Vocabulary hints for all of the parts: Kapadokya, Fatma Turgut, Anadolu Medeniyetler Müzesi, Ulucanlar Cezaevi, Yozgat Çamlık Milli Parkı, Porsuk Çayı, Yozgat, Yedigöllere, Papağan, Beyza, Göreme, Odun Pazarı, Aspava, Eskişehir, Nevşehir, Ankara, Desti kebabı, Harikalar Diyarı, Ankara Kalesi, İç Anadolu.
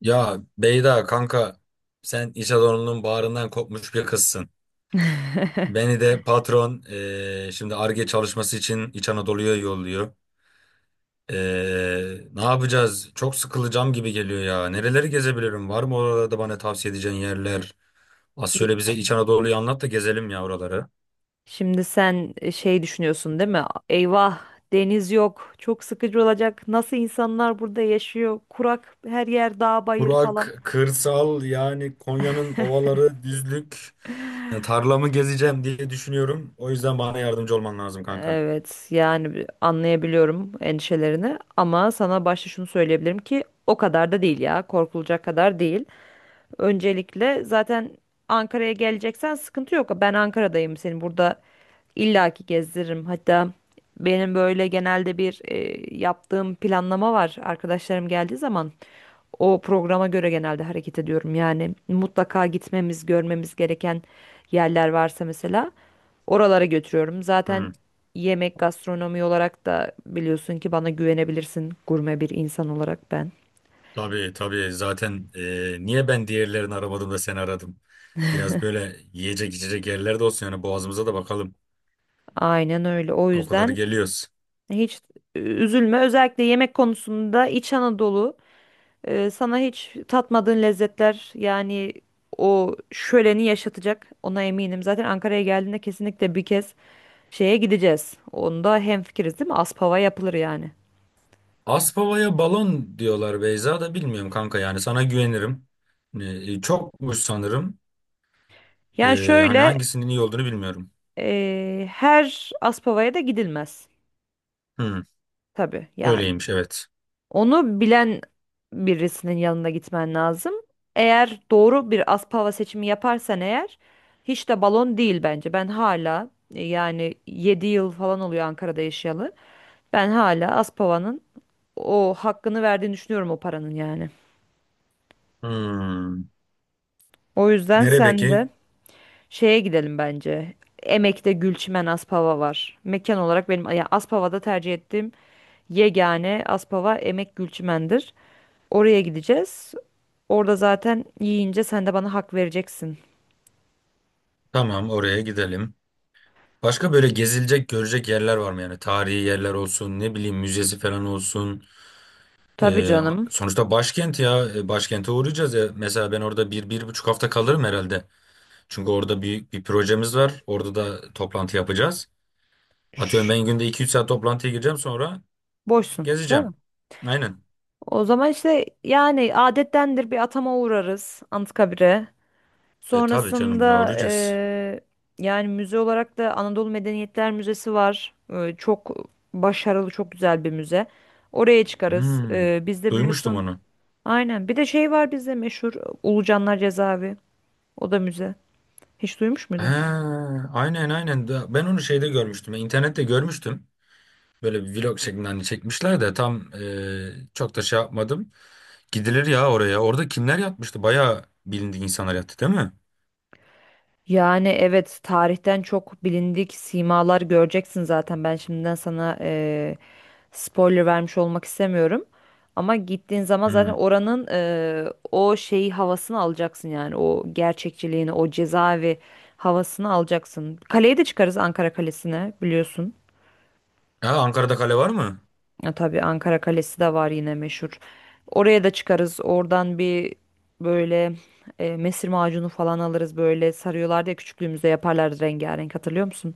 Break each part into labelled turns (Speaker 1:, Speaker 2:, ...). Speaker 1: Ya Beyda kanka sen iş adamının bağrından kopmuş bir kızsın. Beni de patron şimdi Ar-Ge çalışması için İç Anadolu'ya yolluyor. Ne yapacağız? Çok sıkılacağım gibi geliyor ya. Nereleri gezebilirim? Var mı orada bana tavsiye edeceğin yerler? Az
Speaker 2: Y-
Speaker 1: şöyle bize İç Anadolu'yu anlat da gezelim ya oraları.
Speaker 2: Şimdi sen şey düşünüyorsun değil mi? Eyvah deniz yok. Çok sıkıcı olacak. Nasıl insanlar burada yaşıyor? Kurak her yer dağ bayır falan.
Speaker 1: Kurak, kırsal yani Konya'nın ovaları, düzlük. Yani tarlamı gezeceğim diye düşünüyorum. O yüzden bana yardımcı olman lazım kanka.
Speaker 2: Evet yani anlayabiliyorum endişelerini ama sana başta şunu söyleyebilirim ki o kadar da değil ya. Korkulacak kadar değil. Öncelikle zaten Ankara'ya geleceksen sıkıntı yok. Ben Ankara'dayım, seni burada illaki gezdiririm. Hatta benim böyle genelde bir yaptığım planlama var. Arkadaşlarım geldiği zaman o programa göre genelde hareket ediyorum. Yani mutlaka gitmemiz, görmemiz gereken yerler varsa mesela oralara götürüyorum. Zaten yemek gastronomi olarak da biliyorsun ki bana güvenebilirsin, gurme bir insan olarak ben.
Speaker 1: Tabii tabii zaten niye ben diğerlerini aramadım da seni aradım. Biraz böyle yiyecek içecek yerler de olsun yani boğazımıza da bakalım.
Speaker 2: Aynen öyle. O
Speaker 1: O kadar
Speaker 2: yüzden
Speaker 1: geliyoruz.
Speaker 2: hiç üzülme. Özellikle yemek konusunda İç Anadolu sana hiç tatmadığın lezzetler yani o şöleni yaşatacak. Ona eminim. Zaten Ankara'ya geldiğinde kesinlikle bir kez şeye gideceğiz. Onda hemfikiriz değil mi? Aspava yapılır yani.
Speaker 1: Aspava'ya balon diyorlar Beyza da bilmiyorum kanka yani sana güvenirim. Çokmuş sanırım.
Speaker 2: Yani
Speaker 1: E, Hani
Speaker 2: şöyle
Speaker 1: hangisinin iyi olduğunu bilmiyorum.
Speaker 2: her Aspava'ya da gidilmez.
Speaker 1: Hmm,
Speaker 2: Tabii yani.
Speaker 1: öyleymiş evet.
Speaker 2: Onu bilen birisinin yanına gitmen lazım. Eğer doğru bir Aspava seçimi yaparsan eğer hiç de balon değil bence. Ben hala yani 7 yıl falan oluyor Ankara'da yaşayalı. Ben hala Aspava'nın o hakkını verdiğini düşünüyorum, o paranın yani.
Speaker 1: Hmm.
Speaker 2: O yüzden
Speaker 1: Nere
Speaker 2: sen
Speaker 1: peki?
Speaker 2: de şeye gidelim bence. Emek'te Gülçimen Aspava var. Mekan olarak benim ya Aspava'da tercih ettiğim yegane Aspava Emek Gülçimen'dir. Oraya gideceğiz. Orada zaten yiyince sen de bana hak vereceksin.
Speaker 1: Tamam oraya gidelim. Başka böyle gezilecek görecek yerler var mı yani? Tarihi yerler olsun ne bileyim müzesi falan olsun.
Speaker 2: Tabii
Speaker 1: Ee,
Speaker 2: canım.
Speaker 1: Sonuçta başkent ya. Başkente uğrayacağız ya. Mesela ben orada bir, bir buçuk hafta kalırım herhalde. Çünkü orada büyük bir projemiz var. Orada da toplantı yapacağız.
Speaker 2: Şş,
Speaker 1: Atıyorum ben günde iki üç saat toplantıya gireceğim sonra
Speaker 2: boşsun, değil
Speaker 1: gezeceğim.
Speaker 2: mi?
Speaker 1: Aynen.
Speaker 2: O zaman işte yani adettendir, bir atama uğrarız Anıtkabir'e.
Speaker 1: E tabii canım buna
Speaker 2: Sonrasında
Speaker 1: uğrayacağız.
Speaker 2: yani müze olarak da Anadolu Medeniyetler Müzesi var. Çok başarılı, çok güzel bir müze. Oraya çıkarız.
Speaker 1: Hmm,
Speaker 2: Bizde
Speaker 1: duymuştum
Speaker 2: biliyorsun.
Speaker 1: onu.
Speaker 2: Aynen. Bir de şey var bizde meşhur: Ulucanlar Cezaevi. O da müze. Hiç duymuş
Speaker 1: Ha,
Speaker 2: muydun?
Speaker 1: aynen aynen. Ben onu şeyde görmüştüm. İnternette görmüştüm. Böyle bir vlog şeklinde hani çekmişler de tam çok da şey yapmadım. Gidilir ya oraya. Orada kimler yatmıştı? Bayağı bilindik insanlar yattı değil mi?
Speaker 2: Yani evet, tarihten çok bilindik simalar göreceksin zaten. Ben şimdiden sana spoiler vermiş olmak istemiyorum. Ama gittiğin zaman zaten
Speaker 1: Hmm.
Speaker 2: oranın o şeyi, havasını alacaksın yani. O gerçekçiliğini, o cezaevi havasını alacaksın. Kaleye de çıkarız, Ankara Kalesi'ne, biliyorsun.
Speaker 1: Ha, Ankara'da kale var mı?
Speaker 2: Ya, tabii Ankara Kalesi de var yine, meşhur. Oraya da çıkarız. Oradan bir böyle mesir macunu falan alırız, böyle sarıyorlardı ya küçüklüğümüzde, yaparlardı rengarenk, hatırlıyor musun?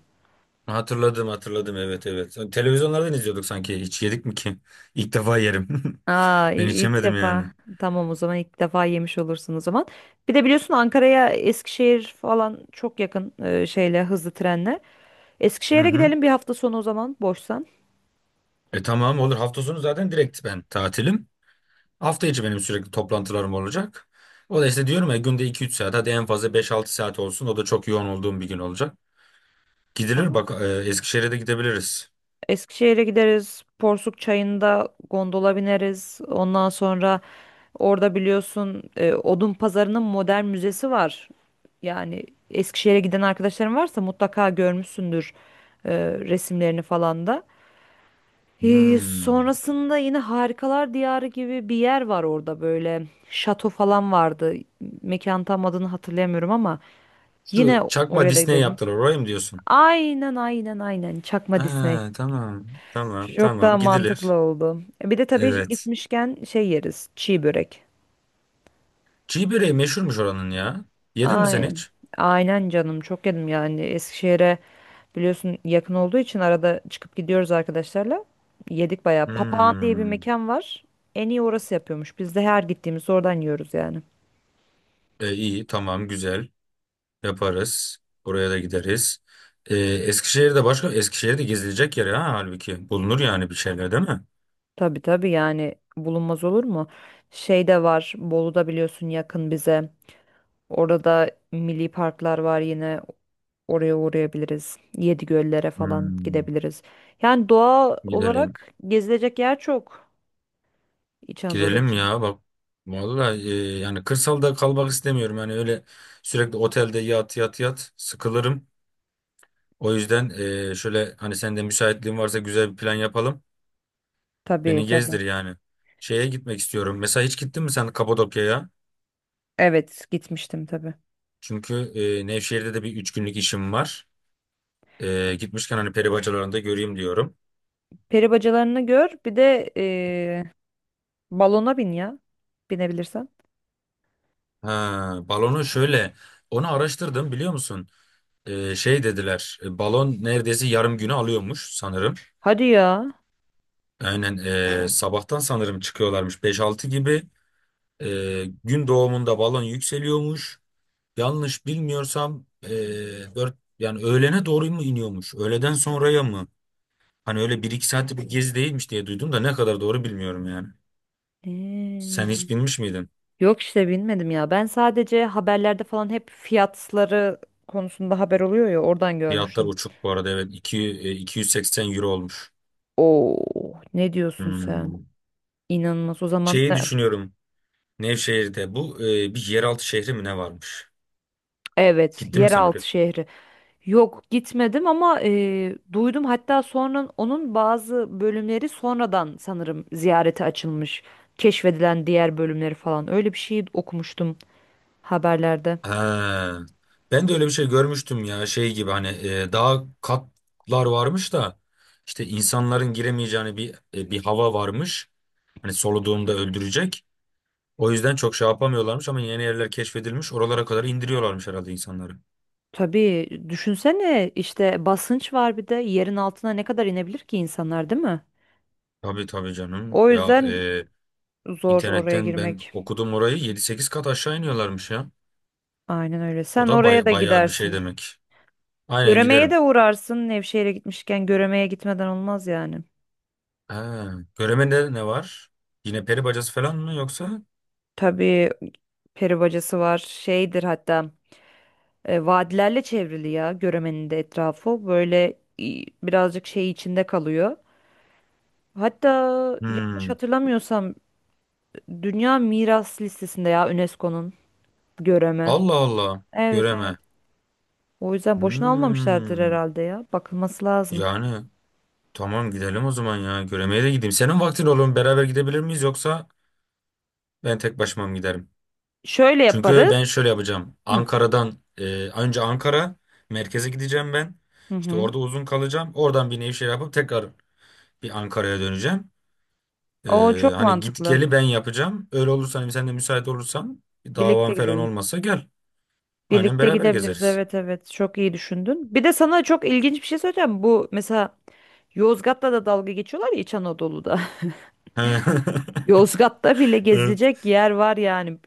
Speaker 1: Hatırladım hatırladım evet evet. Televizyonlardan izliyorduk sanki. Hiç yedik mi ki? İlk defa yerim.
Speaker 2: Aa,
Speaker 1: Ben hiç
Speaker 2: ilk
Speaker 1: yemedim yani.
Speaker 2: defa. Tamam, o zaman ilk defa yemiş olursun o zaman. Bir de biliyorsun Ankara'ya Eskişehir falan çok yakın, şeyle, hızlı trenle.
Speaker 1: Hı
Speaker 2: Eskişehir'e
Speaker 1: hı.
Speaker 2: gidelim bir hafta sonu o zaman, boşsan.
Speaker 1: E tamam olur. Hafta sonu zaten direkt ben tatilim. Hafta içi benim sürekli toplantılarım olacak. O da işte diyorum ya günde iki üç saat hadi en fazla beş altı saat olsun. O da çok yoğun olduğum bir gün olacak. Gidilir
Speaker 2: Tamam.
Speaker 1: bak Eskişehir'e de gidebiliriz.
Speaker 2: Eskişehir'e gideriz. Porsuk Çayı'nda gondola bineriz. Ondan sonra orada biliyorsun Odun Pazarı'nın modern müzesi var. Yani Eskişehir'e giden arkadaşların varsa mutlaka görmüşsündür resimlerini falan da.
Speaker 1: Hmm.
Speaker 2: Sonrasında yine Harikalar Diyarı gibi bir yer var orada böyle. Şato falan vardı. Mekan tam adını hatırlayamıyorum ama
Speaker 1: Şu
Speaker 2: yine
Speaker 1: çakma
Speaker 2: oraya da
Speaker 1: Disney
Speaker 2: gidelim.
Speaker 1: yaptılar orayı mı diyorsun?
Speaker 2: Aynen aynen aynen. Çakma Disney.
Speaker 1: Ha, tamam tamam
Speaker 2: Çok daha
Speaker 1: tamam
Speaker 2: mantıklı
Speaker 1: gidilir.
Speaker 2: oldu. E, bir de tabii
Speaker 1: Evet.
Speaker 2: gitmişken şey yeriz: çiğ börek.
Speaker 1: Çiğ böreği meşhurmuş oranın ya. Yedin mi sen
Speaker 2: Aynen.
Speaker 1: hiç?
Speaker 2: Aynen canım, çok yedim yani. Eskişehir'e biliyorsun yakın olduğu için arada çıkıp gidiyoruz arkadaşlarla. Yedik bayağı. Papağan diye bir
Speaker 1: Hmm.
Speaker 2: mekan var. En iyi orası yapıyormuş. Biz de her gittiğimizde oradan yiyoruz yani.
Speaker 1: İyi tamam güzel yaparız. Oraya da gideriz. Eskişehir'de başka Eskişehir'de gezilecek yer ha halbuki. Bulunur yani bir şeyler değil mi?
Speaker 2: Tabii tabii, yani bulunmaz olur mu? Şey de var, Bolu'da, biliyorsun yakın bize. Orada milli parklar var yine, oraya uğrayabiliriz. Yedigöllere falan
Speaker 1: Hmm.
Speaker 2: gidebiliriz. Yani doğa
Speaker 1: Gidelim.
Speaker 2: olarak gezilecek yer çok, İç Anadolu
Speaker 1: Gidelim
Speaker 2: için.
Speaker 1: ya bak. Vallahi yani kırsalda kalmak istemiyorum. Yani öyle sürekli otelde yat yat yat sıkılırım. O yüzden şöyle hani sen de müsaitliğin varsa güzel bir plan yapalım.
Speaker 2: Tabii
Speaker 1: Beni
Speaker 2: tabii.
Speaker 1: gezdir yani. Şeye gitmek istiyorum. Mesela hiç gittin mi sen Kapadokya'ya?
Speaker 2: Evet, gitmiştim tabii.
Speaker 1: Çünkü Nevşehir'de de bir üç günlük işim var. Gitmişken hani peri bacalarını da göreyim diyorum.
Speaker 2: Peri bacalarını gör, bir de balona bin ya. Binebilirsen.
Speaker 1: Ha, balonu şöyle. Onu araştırdım biliyor musun? Şey dediler. Balon neredeyse yarım günü alıyormuş sanırım.
Speaker 2: Hadi ya.
Speaker 1: Aynen sabahtan sanırım çıkıyorlarmış beş altı gibi. Gün doğumunda balon yükseliyormuş. Yanlış bilmiyorsam dört yani öğlene doğru mu iniyormuş? Öğleden sonraya mı? Hani öyle bir iki saatlik bir gezi değilmiş diye duydum da ne kadar doğru bilmiyorum yani. Sen
Speaker 2: Eee,
Speaker 1: hiç binmiş miydin?
Speaker 2: Yok, işte binmedim ya. Ben sadece haberlerde falan hep fiyatları konusunda haber oluyor ya, oradan
Speaker 1: Fiyatlar
Speaker 2: görmüştüm.
Speaker 1: uçuk bu arada evet. 280 euro olmuş.
Speaker 2: Oo, ne diyorsun sen?
Speaker 1: Hmm.
Speaker 2: İnanılmaz o zaman.
Speaker 1: Şeyi düşünüyorum. Nevşehir'de bu bir yeraltı şehri mi ne varmış?
Speaker 2: Evet,
Speaker 1: Gittin mi sen oraya?
Speaker 2: yeraltı şehri. Yok, gitmedim ama duydum, hatta sonra onun bazı bölümleri sonradan sanırım ziyarete açılmış. Keşfedilen diğer bölümleri falan, öyle bir şey okumuştum haberlerde.
Speaker 1: Ha. Ben de öyle bir şey görmüştüm ya şey gibi hani daha katlar varmış da işte insanların giremeyeceğini bir hava varmış. Hani soluduğunda öldürecek. O yüzden çok şey yapamıyorlarmış ama yeni yerler keşfedilmiş. Oralara kadar indiriyorlarmış herhalde insanları.
Speaker 2: Tabii düşünsene, işte basınç var, bir de yerin altına ne kadar inebilir ki insanlar değil mi?
Speaker 1: Tabii tabii canım.
Speaker 2: O
Speaker 1: Ya
Speaker 2: yüzden zor oraya
Speaker 1: internetten ben
Speaker 2: girmek.
Speaker 1: okudum orayı 7-8 kat aşağı iniyorlarmış ya.
Speaker 2: Aynen öyle.
Speaker 1: O
Speaker 2: Sen
Speaker 1: da
Speaker 2: oraya da
Speaker 1: bayağı bir şey
Speaker 2: gidersin.
Speaker 1: demek. Aynen
Speaker 2: Göreme'ye
Speaker 1: giderim.
Speaker 2: de uğrarsın. Nevşehir'e gitmişken Göreme'ye gitmeden olmaz yani.
Speaker 1: Ha, Göreme'de ne var? Yine peri bacası falan mı yoksa?
Speaker 2: Tabii peri bacası var. Şeydir hatta. Vadilerle çevrili ya Göreme'nin de etrafı. Böyle birazcık şey içinde kalıyor. Hatta yanlış
Speaker 1: Hmm.
Speaker 2: hatırlamıyorsam Dünya Miras listesinde ya, UNESCO'nun, Göreme.
Speaker 1: Allah Allah.
Speaker 2: Evet evet.
Speaker 1: Göreme.
Speaker 2: O yüzden boşuna almamışlardır
Speaker 1: Hmm.
Speaker 2: herhalde ya. Bakılması lazım.
Speaker 1: Yani tamam gidelim o zaman ya. Göreme'ye de gideyim. Senin vaktin olur mu? Beraber gidebilir miyiz yoksa ben tek başıma mı giderim?
Speaker 2: Şöyle
Speaker 1: Çünkü
Speaker 2: yaparız.
Speaker 1: ben şöyle yapacağım.
Speaker 2: Hı
Speaker 1: Ankara'dan önce Ankara merkeze gideceğim ben.
Speaker 2: hı.
Speaker 1: İşte
Speaker 2: Hı.
Speaker 1: orada uzun kalacağım. Oradan bir Nevşehir yapıp tekrar bir Ankara'ya döneceğim. E,
Speaker 2: O çok
Speaker 1: Hani git
Speaker 2: mantıklı.
Speaker 1: geli ben yapacağım. Öyle olursa hani sen de müsait olursan bir davan
Speaker 2: Birlikte
Speaker 1: falan
Speaker 2: gidelim.
Speaker 1: olmasa gel. Aynen
Speaker 2: Birlikte
Speaker 1: beraber
Speaker 2: gidebiliriz.
Speaker 1: gezeriz.
Speaker 2: Evet evet. Çok iyi düşündün. Bir de sana çok ilginç bir şey söyleyeceğim. Bu mesela Yozgat'ta da dalga geçiyorlar ya, İç Anadolu'da. Yozgat'ta bile
Speaker 1: Evet.
Speaker 2: gezilecek yer var yani.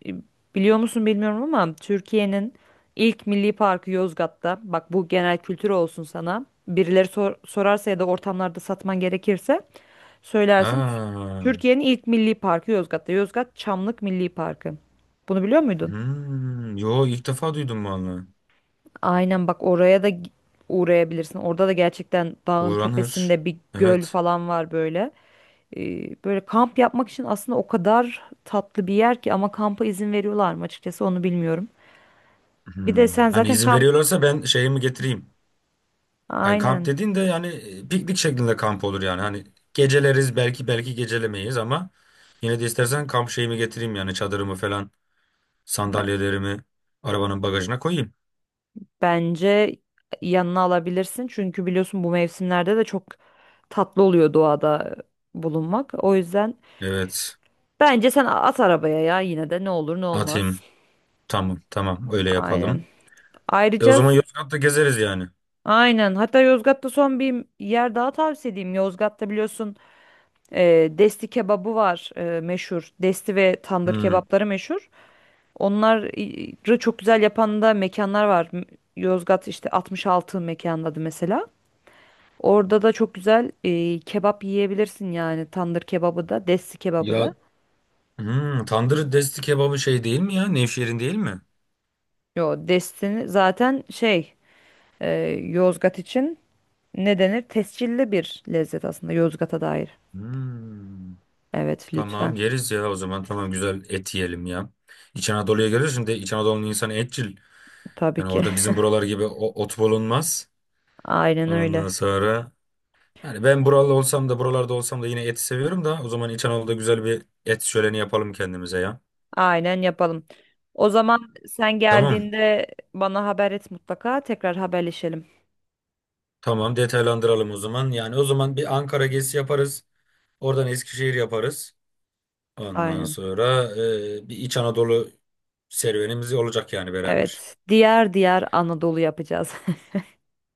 Speaker 2: Biliyor musun bilmiyorum ama Türkiye'nin ilk milli parkı Yozgat'ta. Bak, bu genel kültür olsun sana. Birileri sorarsa ya da ortamlarda satman gerekirse söylersin.
Speaker 1: Aa,
Speaker 2: Türkiye'nin ilk milli parkı Yozgat'ta. Yozgat Çamlık Milli Parkı. Bunu biliyor muydun?
Speaker 1: hmm, yo ilk defa duydum vallahi.
Speaker 2: Aynen, bak oraya da uğrayabilirsin. Orada da gerçekten dağın
Speaker 1: Uğranır.
Speaker 2: tepesinde bir göl
Speaker 1: Evet.
Speaker 2: falan var böyle. Böyle kamp yapmak için aslında o kadar tatlı bir yer ki, ama kampa izin veriyorlar mı açıkçası onu bilmiyorum. Bir de
Speaker 1: Hmm.
Speaker 2: sen
Speaker 1: Hani
Speaker 2: zaten
Speaker 1: izin
Speaker 2: kamp
Speaker 1: veriyorlarsa ben şeyimi getireyim. Yani kamp
Speaker 2: aynen
Speaker 1: dediğin de yani piknik şeklinde kamp olur yani. Hani geceleriz belki belki gecelemeyiz ama yine de istersen kamp şeyimi getireyim yani çadırımı falan
Speaker 2: Be-
Speaker 1: sandalyelerimi arabanın bagajına koyayım.
Speaker 2: bence yanına alabilirsin. Çünkü biliyorsun bu mevsimlerde de çok tatlı oluyor doğada bulunmak. O yüzden
Speaker 1: Evet
Speaker 2: bence sen at arabaya ya, yine de ne olur ne olmaz.
Speaker 1: atayım. Tamam tamam öyle
Speaker 2: Aynen.
Speaker 1: yapalım. E o
Speaker 2: Ayrıca
Speaker 1: zaman Yozgat'ta gezeriz yani.
Speaker 2: aynen. Hatta Yozgat'ta son bir yer daha tavsiye edeyim. Yozgat'ta biliyorsun Desti kebabı var meşhur. Desti ve tandır
Speaker 1: Hmm.
Speaker 2: kebapları meşhur. Onları çok güzel yapan da mekanlar var. Yozgat işte 66 mekanın adı mesela. Orada da çok güzel kebap yiyebilirsin yani. Tandır kebabı da, Desti kebabı da.
Speaker 1: Ya hmm, tandır desti kebabı şey değil mi ya? Nevşehir'in değil mi?
Speaker 2: Yo, Desti'ni zaten şey e, Yozgat için ne denir? Tescilli bir lezzet aslında Yozgat'a dair.
Speaker 1: Hmm.
Speaker 2: Evet, lütfen.
Speaker 1: Tamam yeriz ya o zaman tamam güzel et yiyelim ya. İç Anadolu'ya geliyorsun de İç Anadolu'nun insanı etçil.
Speaker 2: Tabii
Speaker 1: Yani
Speaker 2: ki.
Speaker 1: orada bizim buralar gibi ot bulunmaz.
Speaker 2: Aynen
Speaker 1: Ondan
Speaker 2: öyle.
Speaker 1: sonra yani ben buralı olsam da buralarda olsam da yine eti seviyorum da o zaman İç Anadolu'da güzel bir et şöleni yapalım kendimize ya.
Speaker 2: Aynen yapalım. O zaman sen
Speaker 1: Tamam.
Speaker 2: geldiğinde bana haber et mutlaka. Tekrar haberleşelim.
Speaker 1: Tamam detaylandıralım o zaman. Yani o zaman bir Ankara gezisi yaparız. Oradan Eskişehir yaparız. Ondan
Speaker 2: Aynen.
Speaker 1: sonra bir İç Anadolu serüvenimiz olacak yani beraber.
Speaker 2: Evet. Diğer diğer Anadolu yapacağız.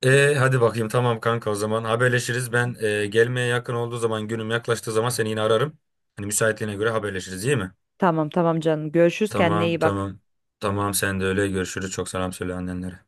Speaker 1: Hadi bakayım tamam kanka o zaman haberleşiriz. Ben gelmeye yakın olduğu zaman günüm yaklaştığı zaman seni yine ararım. Hani müsaitliğine göre haberleşiriz iyi mi?
Speaker 2: Tamam tamam canım. Görüşürüz. Kendine
Speaker 1: Tamam
Speaker 2: iyi bak.
Speaker 1: tamam. Tamam sen de öyle görüşürüz. Çok selam söyle annenlere.